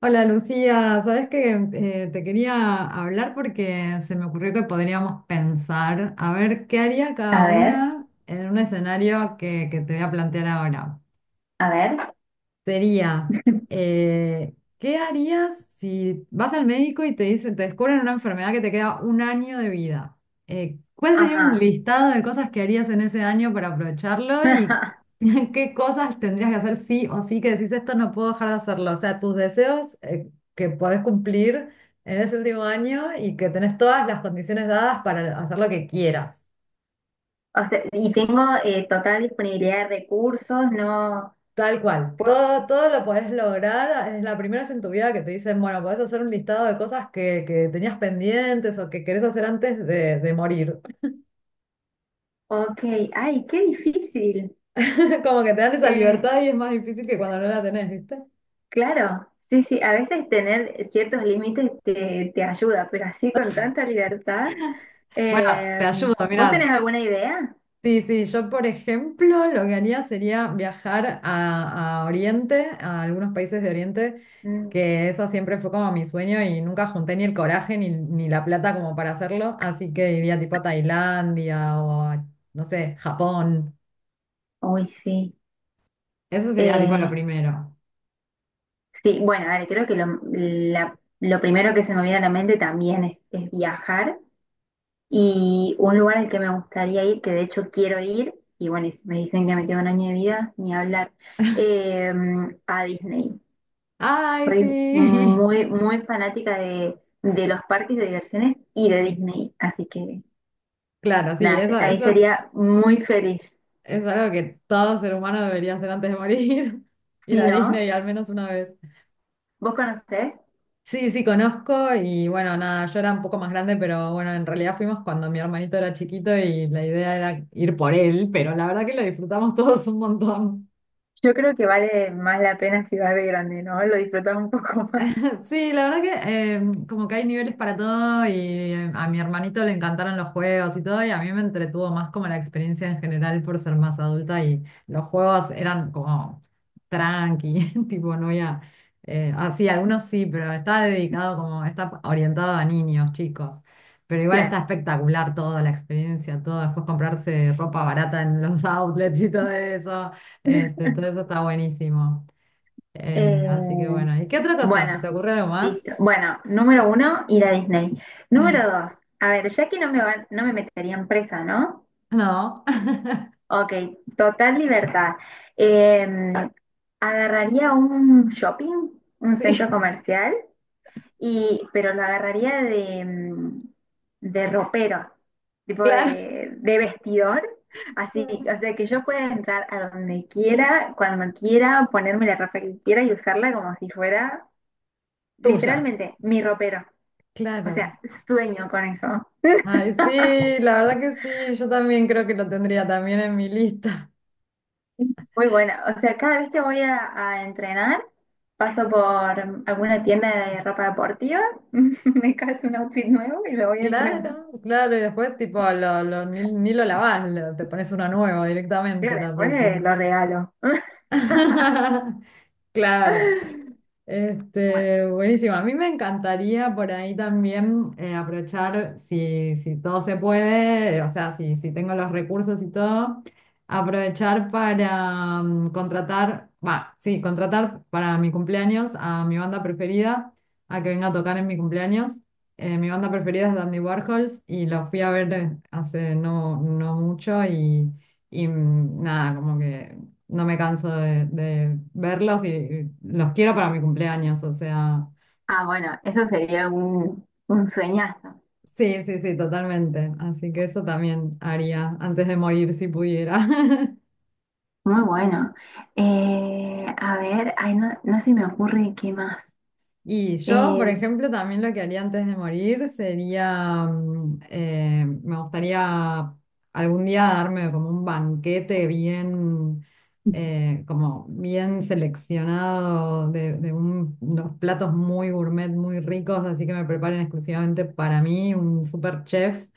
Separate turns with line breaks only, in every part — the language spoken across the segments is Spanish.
Hola Lucía, sabes que te quería hablar porque se me ocurrió que podríamos pensar a ver qué haría cada
A ver,
una en un escenario que te voy a plantear ahora
a ver.
sería, ¿qué harías si vas al médico y te dicen, te descubren una enfermedad que te queda un año de vida? ¿Cuál sería un
Ajá.
listado de cosas que harías en ese año para aprovecharlo y qué cosas tendrías que hacer sí o sí que decís esto no puedo dejar de hacerlo? O sea, tus deseos, que podés cumplir en ese último año y que tenés todas las condiciones dadas para hacer lo que quieras.
O sea, y tengo total disponibilidad de recursos, no.
Tal cual,
Pu-
todo, todo lo puedes lograr. Es la primera vez en tu vida que te dicen, bueno, podés hacer un listado de cosas que tenías pendientes o que querés hacer antes de morir.
Ok, ay, qué difícil.
Como que te dan esa
Eh,
libertad y es más difícil que cuando no la tenés, ¿viste?
claro, sí, sí, a veces tener ciertos límites te ayuda, pero así con tanta libertad.
Bueno, te
eh,
ayudo,
¿Vos
mira,
tenés alguna idea?
sí, sí, yo por ejemplo lo que haría sería viajar a Oriente, a algunos países de Oriente,
Mm.
que eso siempre fue como mi sueño y nunca junté ni el coraje ni la plata como para hacerlo, así que iría tipo a Tailandia o a, no sé, Japón.
Uy, sí.
Eso sería tipo
Eh,
lo primero.
sí, bueno, a ver, creo que lo primero que se me viene a la mente también es viajar. Y un lugar al que me gustaría ir, que de hecho quiero ir, y bueno, y si me dicen que me queda un año de vida, ni hablar, eh, a Disney.
Ay,
Soy
sí.
muy, muy fanática de los parques de diversiones y de Disney, así que
Claro, sí,
nada,
eso,
ahí
eso
sería muy feliz.
es algo que todo ser humano debería hacer antes de morir, ir
Si
a
no,
Disney al menos una vez.
¿vos conocés?
Sí, sí, conozco y bueno, nada, yo era un poco más grande, pero bueno, en realidad fuimos cuando mi hermanito era chiquito y la idea era ir por él, pero la verdad que lo disfrutamos todos un montón.
Yo creo que vale más la pena si vas de grande, ¿no? Lo disfrutas un poco más.
Sí, la verdad que como que hay niveles para todo y a mi hermanito le encantaron los juegos y todo y a mí me entretuvo más como la experiencia en general por ser más adulta y los juegos eran como tranqui, tipo no había, sí, algunos sí, pero está dedicado como, está orientado a niños, chicos, pero igual está
Claro.
espectacular toda la experiencia, todo, después comprarse ropa barata en los outlets y todo eso, este, todo eso está buenísimo. Así que
Eh,
bueno, ¿y qué otra cosa? ¿Se
bueno,
te ocurre algo más?
Listo. Bueno, número uno, ir a Disney. Número dos, a ver, ya que no me meterían presa, ¿no?
No,
Ok, total libertad. Eh, Agarraría un shopping, un centro
sí,
comercial, y, pero lo agarraría de ropero, tipo
claro,
de vestidor. Así,
claro,
o sea, que yo pueda entrar a donde quiera, cuando quiera, ponerme la ropa que quiera y usarla como si fuera
tuya,
literalmente mi ropero. O
claro.
sea, sueño con eso.
Ay, sí, la verdad que sí, yo también creo que lo tendría también en mi lista.
Muy buena. O sea, cada vez que a entrenar, paso por alguna tienda de ropa deportiva, me calzo un outfit nuevo y lo voy a entrenar.
Claro, claro, y después tipo, ni lo lavás, lo- te pones uno nuevo
Y
directamente la
después
próxima.
lo regalo.
Claro.
Bueno,
Este, buenísimo. A mí me encantaría por ahí también aprovechar, si, si todo se puede, o sea, si, si tengo los recursos y todo, aprovechar para contratar, va, sí, contratar para mi cumpleaños a mi banda preferida, a que venga a tocar en mi cumpleaños. Mi banda preferida es Dandy Warhols y los fui a ver hace no, no mucho y nada, como que no me canso de verlos y los quiero para mi cumpleaños, o sea,
ah, bueno, eso sería un sueñazo.
sí, sí, sí, totalmente. Así que eso también haría antes de morir si pudiera.
Muy bueno. A ver, ay, no, no se me ocurre qué más.
Y yo, por
Eh,
ejemplo, también lo que haría antes de morir sería, me gustaría algún día darme como un banquete bien, como bien seleccionado de un- unos platos muy gourmet, muy ricos, así que me preparen exclusivamente para mí, un super chef,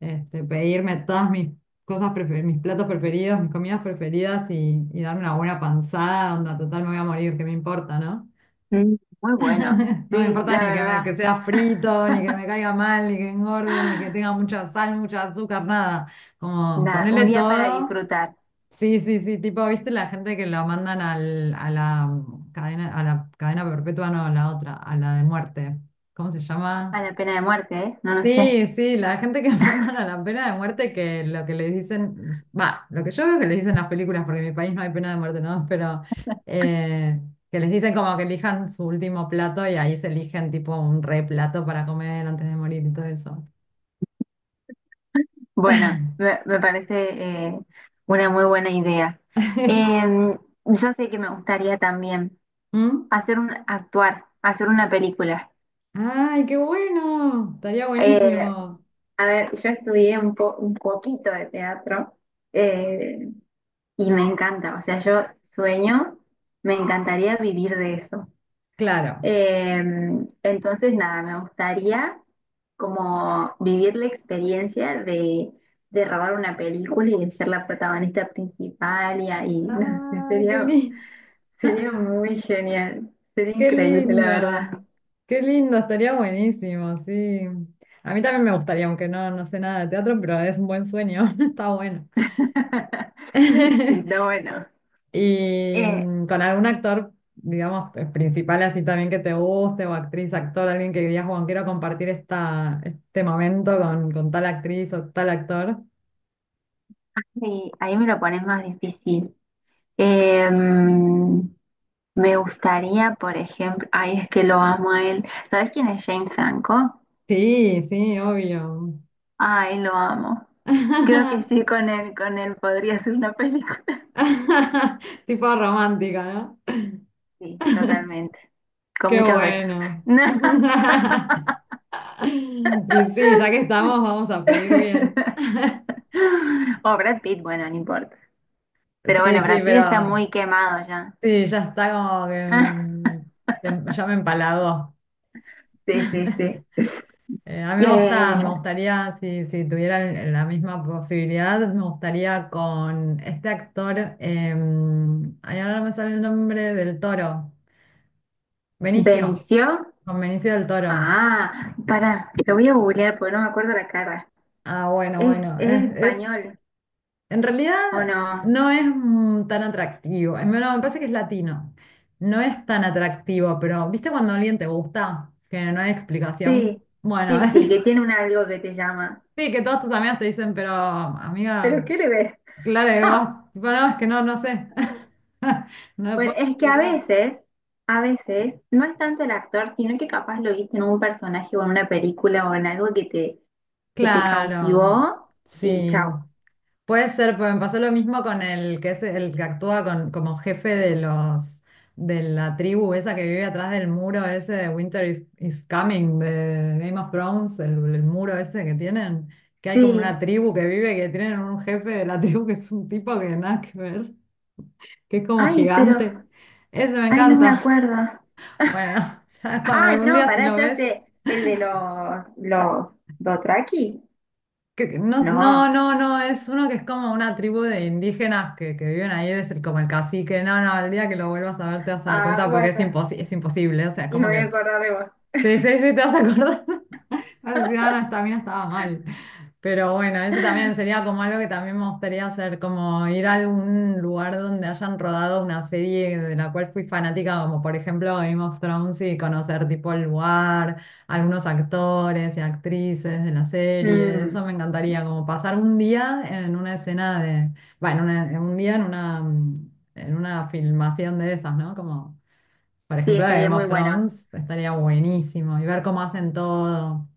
este, pedirme todas mis cosas, prefe- mis platos preferidos, mis comidas preferidas y darme una buena panzada, onda, total me voy a morir, ¿qué me importa, no?
Mm, muy bueno,
No me
sí,
importa
la
ni que, me-
verdad.
que sea frito, ni que me caiga mal, ni que engorde, ni que tenga mucha sal, mucha azúcar, nada. Como
Nada, un
ponerle
día para
todo.
disfrutar.
Sí, sí, sí, tipo, ¿viste la gente que lo mandan al- a la cadena perpetua, no, a la otra, a la de muerte? ¿Cómo se llama?
A la pena de muerte, ¿eh? No lo sé.
Sí, sí, la gente que mandan a la pena de muerte, que lo que les dicen, va, lo que yo veo que les dicen las películas, porque en mi país no hay pena de muerte, ¿no? Pero eh, que les dicen como que elijan su último plato y ahí se eligen tipo un re plato para comer antes de morir y todo eso.
Bueno, me parece una muy buena idea. Eh, yo sé que me gustaría también
¿Mm?
hacer un, actuar, hacer una película.
¡Ay, qué bueno! Estaría
Eh,
buenísimo.
a ver, yo estudié un poquito de teatro eh, y me encanta. O sea, yo sueño, me encantaría vivir de eso.
Claro.
Eh, entonces, nada, me gustaría como vivir la experiencia de robar una película y de ser la protagonista principal y ahí, no sé,
¡Ay, qué
sería,
lindo!
sería muy genial, sería
Qué
increíble, la verdad.
lindo, qué lindo, estaría buenísimo, sí. A mí también me gustaría, aunque no, no sé nada de teatro, pero es un buen sueño, está bueno.
Sí, está bueno.
Y
Eh,
con algún actor, digamos, principal así también que te guste, o actriz, actor, alguien que digas, Juan, quiero compartir esta, este momento con tal actriz o tal actor.
sí, ahí me lo pones más difícil. Eh, Me gustaría, por ejemplo, ay, es que lo amo a él. ¿Sabes quién es James Franco?
Sí, sí, obvio.
Ay, lo amo. Creo que sí, con él podría ser una película.
Tipo romántica, ¿no?
Sí, totalmente. Con
Qué
muchos besos.
bueno.
No.
Y sí, ya que estamos, vamos a pedir bien.
O Brad Pitt, bueno, no importa. Pero
Sí,
bueno,
sí,
Brad Pitt está
pero
muy quemado ya.
sí, ya está como que
Ah,
te- ya me empalagó.
sí, sí, sí.
A mí me gusta, me
Eh,
gustaría, si, si tuviera el- la misma posibilidad, me gustaría con este actor, ay, ahora no me sale el nombre del Toro, Benicio,
Benicio.
con Benicio del Toro.
Ah, para, lo voy a googlear porque no me acuerdo la cara.
Ah, bueno, bueno,
Es
es
español
en realidad
o no?
no es tan atractivo. En- No, me parece que es latino. No es tan atractivo, pero ¿viste cuando alguien te gusta? Que no hay
Sí,
explicación. Bueno,
sí, sí, que tiene un algo que te llama.
sí, que todos tus amigos te dicen, pero
¿Pero
amiga,
qué le ves?
claro que vos, bueno, es que no, no sé. No lo
Pues
puedo
es que
explicar.
a veces, no es tanto el actor, sino que capaz lo viste en un personaje o en una película o en algo que que te
Claro,
cautivó y
sí.
chao.
Puede ser, pues me pasó lo mismo con el que es el que actúa con, como jefe de los de la tribu esa que vive atrás del muro ese de Winter is, is Coming de Game of Thrones, el muro ese que tienen, que hay como una
Sí.
tribu que vive, que tienen un jefe de la tribu que es un tipo que nada que ver, que es como
Ay, pero,
gigante. Ese me
ay, no me
encanta.
acuerdo.
Bueno, ya cuando
Ah,
algún
no,
día si
pará,
lo
ya
ves.
sé, el de los Dothraki.
Que- no,
No.
no, no, no, es uno que es como una tribu de indígenas que viven ahí, es el, como el cacique. No, no, el día que lo vuelvas a ver te vas a dar
Ah,
cuenta porque
bueno,
es imposi- es imposible. O sea,
y me
como
voy a
que
acordar de vos.
sí, sí, sí, te vas a acordar. Ciudadanos también estaba mal. Pero bueno, ese también sería como algo que también me gustaría hacer, como ir a algún lugar donde hayan rodado una serie de la cual fui fanática, como por ejemplo Game of Thrones, y conocer tipo el lugar, algunos actores y actrices de la serie.
Mm,
Eso me encantaría, como pasar un día en una escena de, bueno, una- en un día en una, en una filmación de esas, ¿no? Como por
sí,
ejemplo de
estaría
Game
muy
of
bueno.
Thrones, estaría buenísimo y ver cómo hacen todo.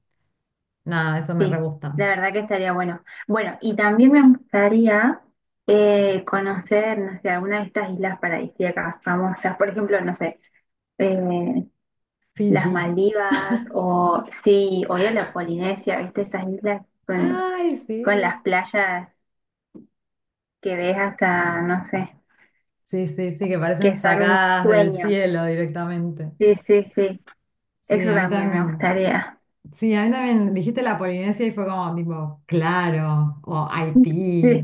Nada, eso me re
Sí,
gusta.
la verdad que estaría bueno. Bueno, y también me gustaría conocer, no sé, alguna de estas islas paradisíacas famosas, por ejemplo, no sé, eh, las
Fiji.
Maldivas o sí, o ir a la Polinesia, ¿viste? Esas islas
Ay,
con las
sí.
playas que ves hasta, no sé,
Sí, sí, sí, que parecen
que son un
sacadas del
sueño.
cielo directamente.
Sí, sí, sí,
Sí,
eso
a mí
también me
también.
gustaría.
Sí, a mí también dijiste la Polinesia y fue como tipo, claro, o Haití,
Sí,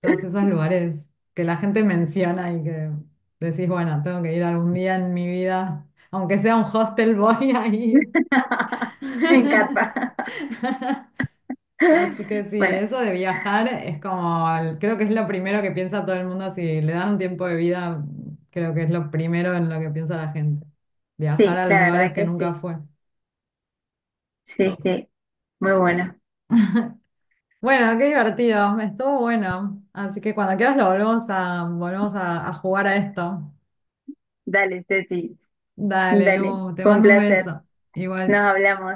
todos esos lugares que la gente menciona y que decís, bueno, tengo que ir algún día en mi vida, aunque sea un hostel, voy a ir.
me encanta.
Así que sí,
Bueno,
eso de viajar es como, el- creo que es lo primero que piensa todo el mundo. Si le dan un tiempo de vida, creo que es lo primero en lo que piensa la gente. Viajar
sí,
a
la
los lugares
verdad
que
que
nunca
sí.
fue.
Sí, sí. Muy buena.
Bueno, qué divertido, estuvo bueno. Así que cuando quieras lo volvemos a, volvemos a jugar a esto.
Dale, Ceci.
Dale,
Dale.
Lu, te
Fue un
mando un
placer.
beso.
Nos
Igual.
hablamos.